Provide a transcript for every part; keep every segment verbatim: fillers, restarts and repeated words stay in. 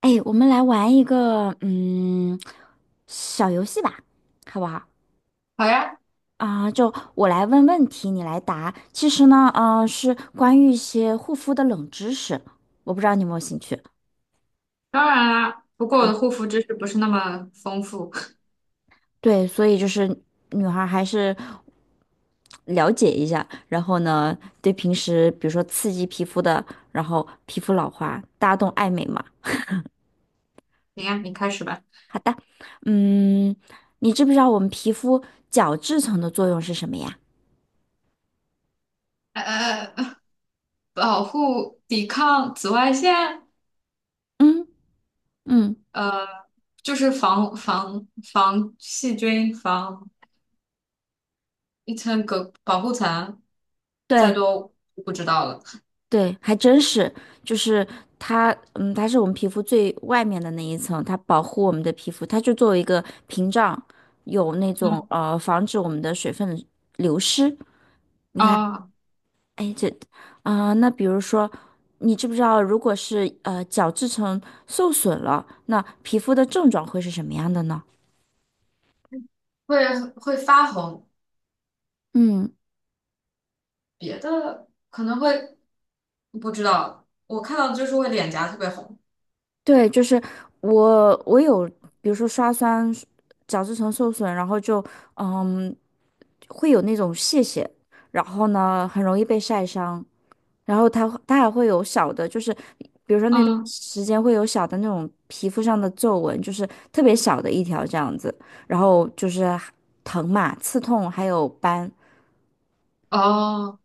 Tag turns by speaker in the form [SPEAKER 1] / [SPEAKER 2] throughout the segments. [SPEAKER 1] 哎，我们来玩一个嗯小游戏吧，好不好？
[SPEAKER 2] 好呀，
[SPEAKER 1] 啊、就我来问问题，你来答。其实呢，嗯，是关于一些护肤的冷知识，我不知道你有没有兴趣。
[SPEAKER 2] 当然啦。不过我的
[SPEAKER 1] 好，
[SPEAKER 2] 护肤知识不是那么丰富。
[SPEAKER 1] 对，所以就是女孩儿还是了解一下，然后呢，对平时比如说刺激皮肤的，然后皮肤老化，大家都爱美嘛。
[SPEAKER 2] 行呀，你开始吧。
[SPEAKER 1] 嗯，你知不知道我们皮肤角质层的作用是什么呀？
[SPEAKER 2] 呃，呃呃保护、抵抗紫外线，
[SPEAKER 1] 嗯嗯。
[SPEAKER 2] 呃，就是防防防细菌、防一层隔保护层，再
[SPEAKER 1] 对，
[SPEAKER 2] 多我不知道了。
[SPEAKER 1] 对，还真是，就是它，嗯，它是我们皮肤最外面的那一层，它保护我们的皮肤，它就作为一个屏障，有那种
[SPEAKER 2] 嗯
[SPEAKER 1] 呃防止我们的水分流失。你看，
[SPEAKER 2] 啊，
[SPEAKER 1] 哎，这，啊、那比如说，你知不知道，如果是呃角质层受损了，那皮肤的症状会是什么样的呢？
[SPEAKER 2] 会会发红，
[SPEAKER 1] 嗯，
[SPEAKER 2] 别的可能会不知道。我看到的就是会脸颊特别红。
[SPEAKER 1] 对，就是我，我有，比如说刷酸角质层受损，然后就。嗯，会有那种屑屑，然后呢，很容易被晒伤，然后它它还会有小的，就是比如说那段
[SPEAKER 2] 嗯，
[SPEAKER 1] 时间会有小的那种皮肤上的皱纹，就是特别小的一条这样子，然后就是疼嘛、刺痛，还有斑。
[SPEAKER 2] 哦，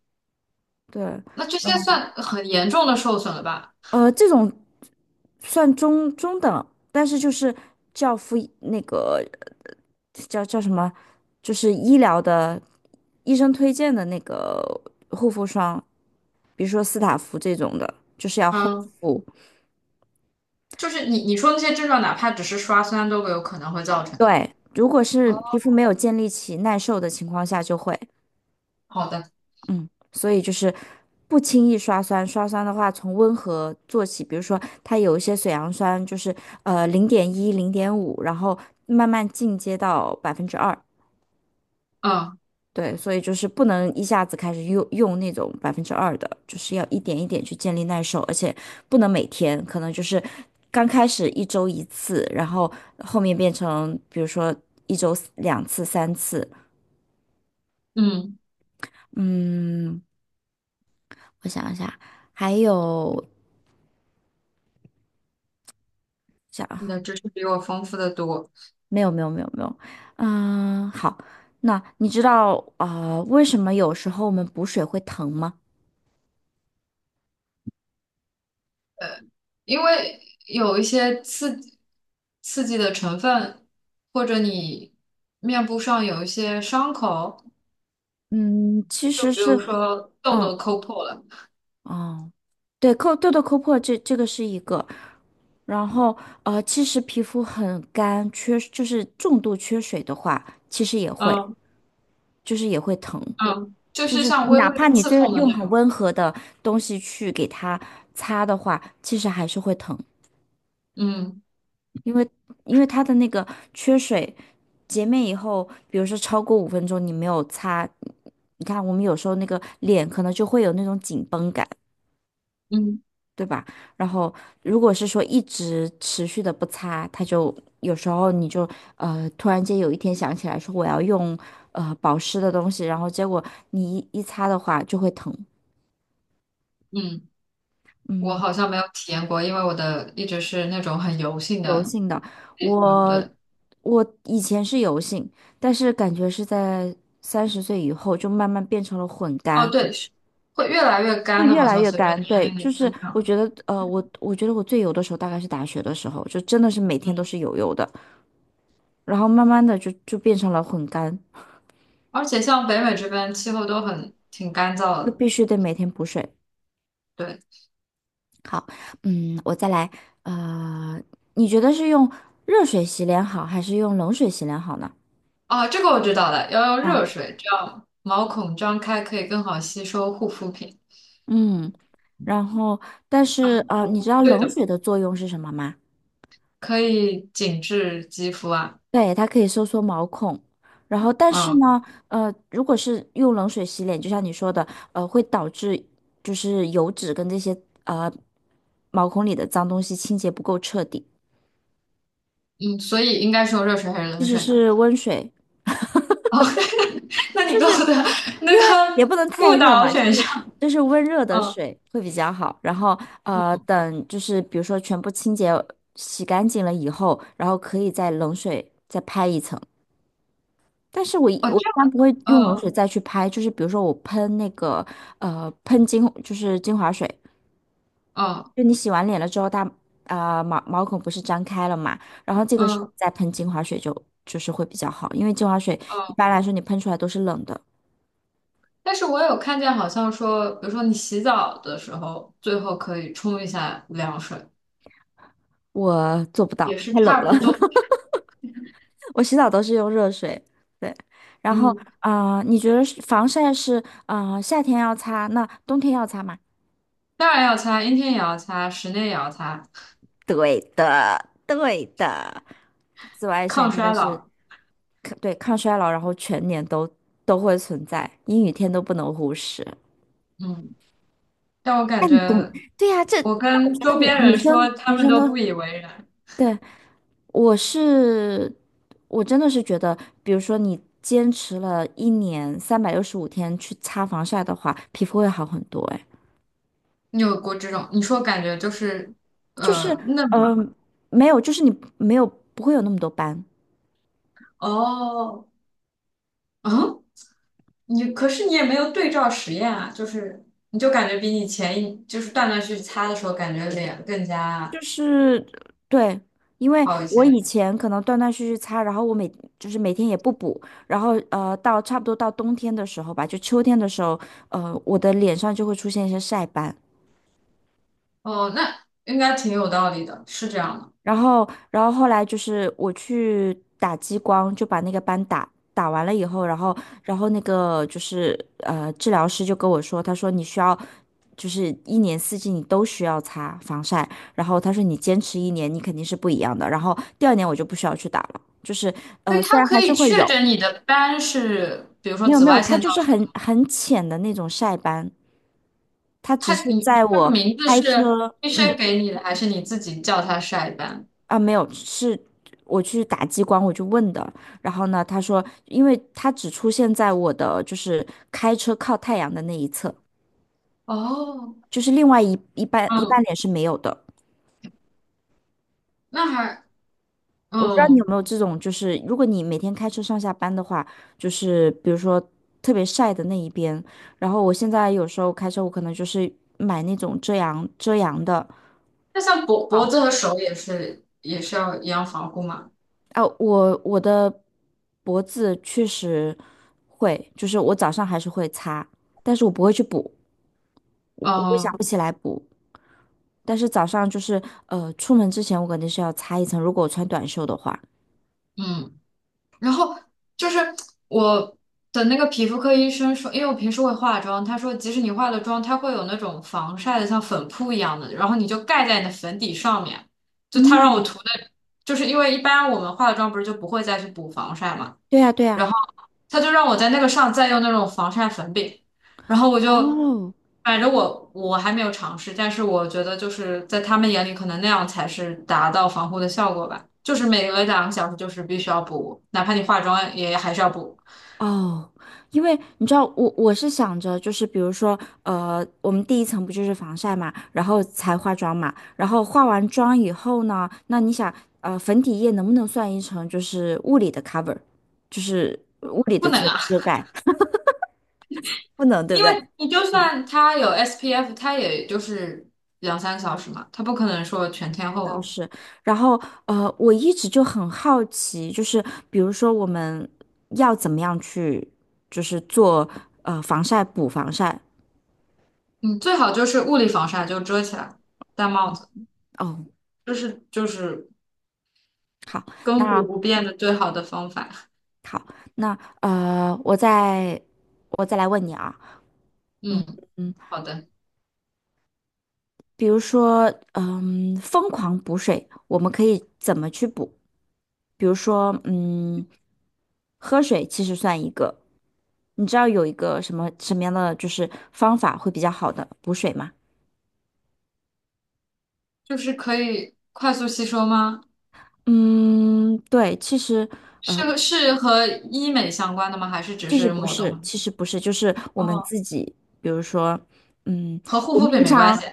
[SPEAKER 1] 对，
[SPEAKER 2] 那这些算很严重的受损了吧？
[SPEAKER 1] 呃，这种算中中等，但是就是教敷那个叫叫什么，就是医疗的医生推荐的那个护肤霜。比如说斯塔芙这种的，就是要厚
[SPEAKER 2] 嗯，
[SPEAKER 1] 敷。
[SPEAKER 2] 就是你你说那些症状，哪怕只是刷酸都有可能会造成
[SPEAKER 1] 对，如果是皮
[SPEAKER 2] 哦，
[SPEAKER 1] 肤没有建立起耐受的情况下，就会，
[SPEAKER 2] 好的，
[SPEAKER 1] 嗯，所以就是不轻易刷酸。刷酸的话，从温和做起，比如说它有一些水杨酸，就是呃零点一、零点五，然后慢慢进阶到百分之二，
[SPEAKER 2] 嗯
[SPEAKER 1] 对，所以就是不能一下子开始用用那种百分之二的，就是要一点一点去建立耐受，而且不能每天，可能就是刚开始一周一次，然后后面变成比如说一周两次、三次。
[SPEAKER 2] 嗯
[SPEAKER 1] 嗯，我想一下，还有
[SPEAKER 2] 你
[SPEAKER 1] 想
[SPEAKER 2] 的知识比我丰富的多，
[SPEAKER 1] 没有没有没有没有，嗯，好，那你知道啊，呃为什么有时候我们补水会疼吗？
[SPEAKER 2] 因为有一些刺激刺激的成分，或者你面部上有一些伤口，
[SPEAKER 1] 嗯，其
[SPEAKER 2] 就
[SPEAKER 1] 实
[SPEAKER 2] 比如
[SPEAKER 1] 是。
[SPEAKER 2] 说痘
[SPEAKER 1] 嗯。
[SPEAKER 2] 痘抠破了，
[SPEAKER 1] 哦，对，抠，痘痘抠破这这个是一个，然后呃，其实皮肤很干，缺就是重度缺水的话，其实也会，
[SPEAKER 2] 嗯
[SPEAKER 1] 就是也会疼，
[SPEAKER 2] 嗯就
[SPEAKER 1] 就
[SPEAKER 2] 是
[SPEAKER 1] 是
[SPEAKER 2] 像微
[SPEAKER 1] 哪
[SPEAKER 2] 微
[SPEAKER 1] 怕
[SPEAKER 2] 的
[SPEAKER 1] 你
[SPEAKER 2] 刺
[SPEAKER 1] 最
[SPEAKER 2] 痛的
[SPEAKER 1] 用
[SPEAKER 2] 那
[SPEAKER 1] 很
[SPEAKER 2] 种。
[SPEAKER 1] 温和的东西去给它擦的话，其实还是会疼，
[SPEAKER 2] 嗯
[SPEAKER 1] 因为因为它的那个缺水洁面以后，比如说超过五分钟你没有擦，你看我们有时候那个脸可能就会有那种紧绷感。
[SPEAKER 2] 嗯
[SPEAKER 1] 对吧？然后如果是说一直持续的不擦，它就有时候你就呃突然间有一天想起来说我要用呃保湿的东西，然后结果你一一擦的话就会疼，
[SPEAKER 2] 嗯，我
[SPEAKER 1] 嗯，
[SPEAKER 2] 好像没有体验过，因为我的一直是那种很油性
[SPEAKER 1] 油
[SPEAKER 2] 的
[SPEAKER 1] 性的。
[SPEAKER 2] 皮肤，
[SPEAKER 1] 我
[SPEAKER 2] 对。
[SPEAKER 1] 我以前是油性，但是感觉是在三十岁以后就慢慢变成了混
[SPEAKER 2] 哦，
[SPEAKER 1] 干。
[SPEAKER 2] 对，是会越来越
[SPEAKER 1] 会
[SPEAKER 2] 干的，
[SPEAKER 1] 越
[SPEAKER 2] 好
[SPEAKER 1] 来
[SPEAKER 2] 像
[SPEAKER 1] 越
[SPEAKER 2] 随着
[SPEAKER 1] 干，
[SPEAKER 2] 年
[SPEAKER 1] 对，
[SPEAKER 2] 龄
[SPEAKER 1] 就
[SPEAKER 2] 的
[SPEAKER 1] 是
[SPEAKER 2] 增
[SPEAKER 1] 我
[SPEAKER 2] 长。
[SPEAKER 1] 觉得，呃，我我觉得我最油的时候大概是大学的时候，就真的是每
[SPEAKER 2] 嗯，
[SPEAKER 1] 天都是油油的。然后慢慢的就就变成了混干，
[SPEAKER 2] 而且像北美这边气候都很挺干燥
[SPEAKER 1] 就
[SPEAKER 2] 的。
[SPEAKER 1] 必须得每天补水。
[SPEAKER 2] 对，
[SPEAKER 1] 嗯，我再来，呃，你觉得是用热水洗脸好，还是用冷水洗脸好呢？
[SPEAKER 2] 哦，这个我知道了，要用
[SPEAKER 1] 啊，
[SPEAKER 2] 热水，这样毛孔张开可以更好吸收护肤品
[SPEAKER 1] 嗯，然后但是
[SPEAKER 2] 啊。
[SPEAKER 1] 呃，你
[SPEAKER 2] 哦，
[SPEAKER 1] 知道
[SPEAKER 2] 对
[SPEAKER 1] 冷
[SPEAKER 2] 的，
[SPEAKER 1] 水的作用是什么吗？
[SPEAKER 2] 可以紧致肌肤啊。
[SPEAKER 1] 对，它可以收缩毛孔。然后，但是
[SPEAKER 2] 嗯
[SPEAKER 1] 呢，呃，如果是用冷水洗脸，就像你说的，呃，会导致就是油脂跟这些呃毛孔里的脏东西清洁不够彻底。
[SPEAKER 2] 嗯，所以应该是用热水还是
[SPEAKER 1] 即
[SPEAKER 2] 冷
[SPEAKER 1] 使
[SPEAKER 2] 水呢？
[SPEAKER 1] 是温水，
[SPEAKER 2] 哦，那你
[SPEAKER 1] 就
[SPEAKER 2] 给
[SPEAKER 1] 是
[SPEAKER 2] 我的那
[SPEAKER 1] 因为也
[SPEAKER 2] 个
[SPEAKER 1] 不能太
[SPEAKER 2] 误
[SPEAKER 1] 热
[SPEAKER 2] 导
[SPEAKER 1] 嘛，就
[SPEAKER 2] 选
[SPEAKER 1] 是
[SPEAKER 2] 项，
[SPEAKER 1] 就是温热的
[SPEAKER 2] 嗯，
[SPEAKER 1] 水会比较好。然后呃，
[SPEAKER 2] 嗯
[SPEAKER 1] 等就是比如说全部清洁洗干净了以后，然后可以在冷水再拍一层。但是我一
[SPEAKER 2] 哦，
[SPEAKER 1] 我
[SPEAKER 2] 这，
[SPEAKER 1] 一般不会用冷
[SPEAKER 2] 嗯
[SPEAKER 1] 水再去拍，就是比如说我喷那个呃喷精就是精华水，
[SPEAKER 2] 嗯
[SPEAKER 1] 就你洗完脸了之后，它啊、呃毛毛孔不是张开了嘛，然后这个时候
[SPEAKER 2] 嗯
[SPEAKER 1] 再喷精华水就就是会比较好，因为精华水一
[SPEAKER 2] 嗯。
[SPEAKER 1] 般来说你喷出来都是冷的。
[SPEAKER 2] 但是我有看见，好像说，比如说你洗澡的时候，最后可以冲一下凉水，
[SPEAKER 1] 我做不到，
[SPEAKER 2] 也是
[SPEAKER 1] 太冷
[SPEAKER 2] 差
[SPEAKER 1] 了。
[SPEAKER 2] 不多。
[SPEAKER 1] 我洗澡都是用热水。对，然后
[SPEAKER 2] 嗯，
[SPEAKER 1] 啊、呃你觉得是防晒是啊、呃夏天要擦，那冬天要擦吗？
[SPEAKER 2] 当然要擦，阴天也要擦，室内也要擦，
[SPEAKER 1] 对的，对的。紫外线
[SPEAKER 2] 抗
[SPEAKER 1] 真的
[SPEAKER 2] 衰
[SPEAKER 1] 是
[SPEAKER 2] 老。
[SPEAKER 1] 抗对抗衰老，然后全年都都会存在，阴雨天都不能忽视。
[SPEAKER 2] 嗯，但我
[SPEAKER 1] 那
[SPEAKER 2] 感
[SPEAKER 1] 你懂？
[SPEAKER 2] 觉，
[SPEAKER 1] 对呀、这这
[SPEAKER 2] 我
[SPEAKER 1] 我
[SPEAKER 2] 跟
[SPEAKER 1] 觉得
[SPEAKER 2] 周
[SPEAKER 1] 女
[SPEAKER 2] 边
[SPEAKER 1] 女
[SPEAKER 2] 人说，
[SPEAKER 1] 生
[SPEAKER 2] 他
[SPEAKER 1] 女
[SPEAKER 2] 们
[SPEAKER 1] 生
[SPEAKER 2] 都不
[SPEAKER 1] 都
[SPEAKER 2] 以为然。
[SPEAKER 1] 对。我是，我真的是觉得，比如说你坚持了一年，三百六十五天去擦防晒的话，皮肤会好很多。哎，
[SPEAKER 2] 你有过这种？你说感觉就是，
[SPEAKER 1] 就
[SPEAKER 2] 呃，
[SPEAKER 1] 是，
[SPEAKER 2] 嫩嘛？
[SPEAKER 1] 嗯，没有，就是你没有不会有那么多斑。
[SPEAKER 2] 哦，嗯，你可是你也没有对照实验啊，就是你就感觉比你前一就是断断续续擦的时候，感觉脸更
[SPEAKER 1] 就
[SPEAKER 2] 加
[SPEAKER 1] 是对，因为
[SPEAKER 2] 好一
[SPEAKER 1] 我以
[SPEAKER 2] 些。
[SPEAKER 1] 前可能断断续续擦，然后我每就是每天也不补，然后呃，到差不多到冬天的时候吧，就秋天的时候，呃，我的脸上就会出现一些晒斑。
[SPEAKER 2] 哦，那应该挺有道理的，是这样的。
[SPEAKER 1] 然后，然后后来就是我去打激光，就把那个斑打打完了以后，然后，然后那个就是呃，治疗师就跟我说，他说你需要，就是一年四季你都需要擦防晒，然后他说你坚持一年，你肯定是不一样的。然后第二年我就不需要去打了，就是
[SPEAKER 2] 所以
[SPEAKER 1] 呃，虽
[SPEAKER 2] 它
[SPEAKER 1] 然
[SPEAKER 2] 可
[SPEAKER 1] 还
[SPEAKER 2] 以
[SPEAKER 1] 是会有，
[SPEAKER 2] 确诊你的斑是，比如说
[SPEAKER 1] 没有
[SPEAKER 2] 紫
[SPEAKER 1] 没有，
[SPEAKER 2] 外
[SPEAKER 1] 它
[SPEAKER 2] 线
[SPEAKER 1] 就
[SPEAKER 2] 造
[SPEAKER 1] 是
[SPEAKER 2] 成
[SPEAKER 1] 很
[SPEAKER 2] 的。
[SPEAKER 1] 很浅的那种晒斑，它只
[SPEAKER 2] 它
[SPEAKER 1] 是
[SPEAKER 2] 你
[SPEAKER 1] 在
[SPEAKER 2] 这个
[SPEAKER 1] 我
[SPEAKER 2] 名字
[SPEAKER 1] 开
[SPEAKER 2] 是
[SPEAKER 1] 车，
[SPEAKER 2] 医
[SPEAKER 1] 嗯，
[SPEAKER 2] 生给你的，还是你自己叫它晒斑？
[SPEAKER 1] 啊，没有，是我去打激光，我就问的。然后呢，他说，因为它只出现在我的就是开车靠太阳的那一侧，
[SPEAKER 2] 哦，
[SPEAKER 1] 就是另外一一半一半
[SPEAKER 2] 嗯，
[SPEAKER 1] 脸是没有的。
[SPEAKER 2] 那还
[SPEAKER 1] 我不知道你有
[SPEAKER 2] 嗯，
[SPEAKER 1] 没有这种，就是如果你每天开车上下班的话，就是比如说特别晒的那一边。然后我现在有时候开车，我可能就是买那种遮阳遮阳的。
[SPEAKER 2] 那像脖脖子和手也是也是要一样防护嘛？
[SPEAKER 1] 啊，我我的脖子确实会，就是我早上还是会擦，但是我不会去补
[SPEAKER 2] 嗯
[SPEAKER 1] 补起来。但是早上就是呃，出门之前我肯定是要擦一层，如果我穿短袖的话。
[SPEAKER 2] 嗯。然后就是我的那个皮肤科医生说，因为我平时会化妆，他说即使你化了妆，它会有那种防晒的，像粉扑一样的，然后你就盖在你的粉底上面。就他让我
[SPEAKER 1] 嗯，
[SPEAKER 2] 涂的，就是因为一般我们化了妆不是就不会再去补防晒嘛，
[SPEAKER 1] 对呀，对呀。
[SPEAKER 2] 然后他就让我在那个上再用那种防晒粉饼，然后我就，
[SPEAKER 1] 哦，
[SPEAKER 2] 反正我我还没有尝试，但是我觉得就是在他们眼里，可能那样才是达到防护的效果吧。就是每隔两个小时就是必须要补，哪怕你化妆也还是要补，
[SPEAKER 1] 哦，因为你知道，我我是想着，就是比如说，呃，我们第一层不就是防晒嘛，然后才化妆嘛，然后化完妆以后呢，那你想，呃，粉底液能不能算一层就是物理的 cover，就是物理
[SPEAKER 2] 不
[SPEAKER 1] 的
[SPEAKER 2] 能
[SPEAKER 1] 这种
[SPEAKER 2] 啊，
[SPEAKER 1] 遮盖？不能，对不
[SPEAKER 2] 因为
[SPEAKER 1] 对？
[SPEAKER 2] 你就算它有 S P F，它也就是两三个小时嘛，它不可能说全天
[SPEAKER 1] 那
[SPEAKER 2] 候
[SPEAKER 1] 倒
[SPEAKER 2] 的。
[SPEAKER 1] 是。然后，呃，我一直就很好奇，就是比如说我们要怎么样去，就是做呃防晒补防晒。
[SPEAKER 2] 嗯，最好就是物理防晒，就遮起来，戴帽子，
[SPEAKER 1] 哦，
[SPEAKER 2] 这是就是
[SPEAKER 1] 好，
[SPEAKER 2] 亘古不
[SPEAKER 1] 那。
[SPEAKER 2] 变的最好的方法。
[SPEAKER 1] 好，那呃，我再我再来问你啊，
[SPEAKER 2] 嗯，
[SPEAKER 1] 嗯，
[SPEAKER 2] 好的，
[SPEAKER 1] 比如说，嗯，疯狂补水，我们可以怎么去补？比如说，嗯，喝水其实算一个，你知道有一个什么什么样的就是方法会比较好的补水吗？
[SPEAKER 2] 就是可以快速吸收吗？
[SPEAKER 1] 嗯，对，其实
[SPEAKER 2] 是是和医美相关的吗？还是只
[SPEAKER 1] 其实
[SPEAKER 2] 是
[SPEAKER 1] 不
[SPEAKER 2] 抹
[SPEAKER 1] 是，
[SPEAKER 2] 动？
[SPEAKER 1] 其实不是，就是我们
[SPEAKER 2] 哦，
[SPEAKER 1] 自己，比如说，嗯，
[SPEAKER 2] 和护
[SPEAKER 1] 我们
[SPEAKER 2] 肤品
[SPEAKER 1] 平
[SPEAKER 2] 没关系，
[SPEAKER 1] 常，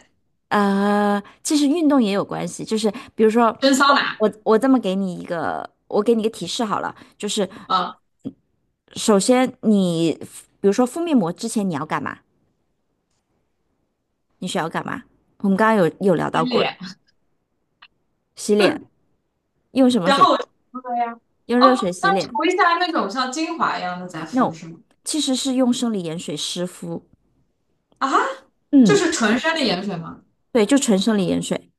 [SPEAKER 1] 呃，其实运动也有关系，就是比如说，
[SPEAKER 2] 蒸
[SPEAKER 1] 我
[SPEAKER 2] 桑拿，
[SPEAKER 1] 我我这么给你一个，我给你一个提示好了，就是
[SPEAKER 2] 啊，
[SPEAKER 1] 首先你，比如说敷面膜之前你要干嘛？你需要干嘛？我们刚刚有有聊
[SPEAKER 2] 洗
[SPEAKER 1] 到过的，
[SPEAKER 2] 脸，
[SPEAKER 1] 洗脸，用什么
[SPEAKER 2] 然
[SPEAKER 1] 水？
[SPEAKER 2] 后我就敷了呀。
[SPEAKER 1] 用
[SPEAKER 2] 哦，
[SPEAKER 1] 热水
[SPEAKER 2] 那
[SPEAKER 1] 洗脸
[SPEAKER 2] 涂一下那种像精华一样的再敷
[SPEAKER 1] ？No，
[SPEAKER 2] 是吗？
[SPEAKER 1] 其实是用生理盐水湿敷。
[SPEAKER 2] 啊，就
[SPEAKER 1] 嗯，
[SPEAKER 2] 是纯生理盐水吗？
[SPEAKER 1] 对，就纯生理盐水。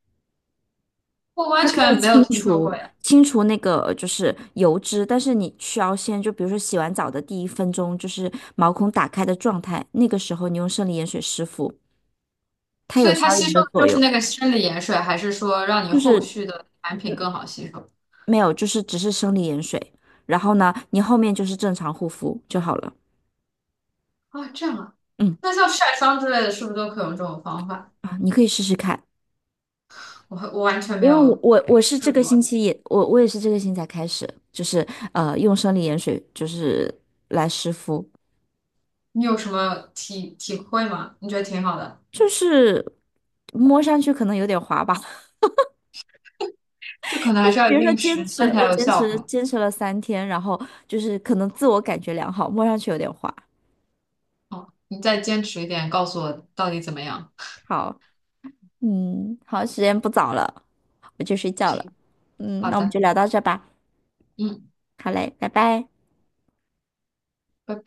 [SPEAKER 2] 我完
[SPEAKER 1] 它可以
[SPEAKER 2] 全没有
[SPEAKER 1] 清
[SPEAKER 2] 听说过
[SPEAKER 1] 除
[SPEAKER 2] 呀。
[SPEAKER 1] 清除那个就是油脂，但是你需要先就比如说洗完澡的第一分钟，就是毛孔打开的状态，那个时候你用生理盐水湿敷，它
[SPEAKER 2] 所
[SPEAKER 1] 有
[SPEAKER 2] 以它
[SPEAKER 1] 消
[SPEAKER 2] 吸
[SPEAKER 1] 炎
[SPEAKER 2] 收
[SPEAKER 1] 的作
[SPEAKER 2] 的就是
[SPEAKER 1] 用，
[SPEAKER 2] 那个生理盐水，还是说让你
[SPEAKER 1] 就是
[SPEAKER 2] 后续的产品更
[SPEAKER 1] 嗯
[SPEAKER 2] 好吸收？
[SPEAKER 1] 没有，就是只是生理盐水，然后呢，你后面就是正常护肤就好了。
[SPEAKER 2] 啊，这样啊。
[SPEAKER 1] 嗯
[SPEAKER 2] 那像晒伤之类的，是不是都可以用这种方法？
[SPEAKER 1] 啊，你可以试试看，
[SPEAKER 2] 我我完全没
[SPEAKER 1] 因为我
[SPEAKER 2] 有
[SPEAKER 1] 我我是这
[SPEAKER 2] 试
[SPEAKER 1] 个星
[SPEAKER 2] 过，
[SPEAKER 1] 期也我我也是这个星期才开始，就是呃用生理盐水就是来湿敷，
[SPEAKER 2] 你有什么体体会吗？你觉得挺好的，
[SPEAKER 1] 就是摸上去可能有点滑吧。
[SPEAKER 2] 这可能
[SPEAKER 1] 就
[SPEAKER 2] 还
[SPEAKER 1] 是
[SPEAKER 2] 是要
[SPEAKER 1] 比
[SPEAKER 2] 一
[SPEAKER 1] 如说
[SPEAKER 2] 定
[SPEAKER 1] 坚
[SPEAKER 2] 时
[SPEAKER 1] 持，
[SPEAKER 2] 间才
[SPEAKER 1] 我
[SPEAKER 2] 有
[SPEAKER 1] 坚
[SPEAKER 2] 效
[SPEAKER 1] 持
[SPEAKER 2] 果。
[SPEAKER 1] 坚持了三天，然后就是可能自我感觉良好，摸上去有点滑。
[SPEAKER 2] 哦，你再坚持一点，告诉我到底怎么样。
[SPEAKER 1] 好，嗯，好，时间不早了，我去睡觉
[SPEAKER 2] 行，
[SPEAKER 1] 了。嗯，
[SPEAKER 2] 好
[SPEAKER 1] 那我们
[SPEAKER 2] 的，
[SPEAKER 1] 就聊到这吧。
[SPEAKER 2] 嗯。
[SPEAKER 1] 好嘞，拜拜。
[SPEAKER 2] 拜拜。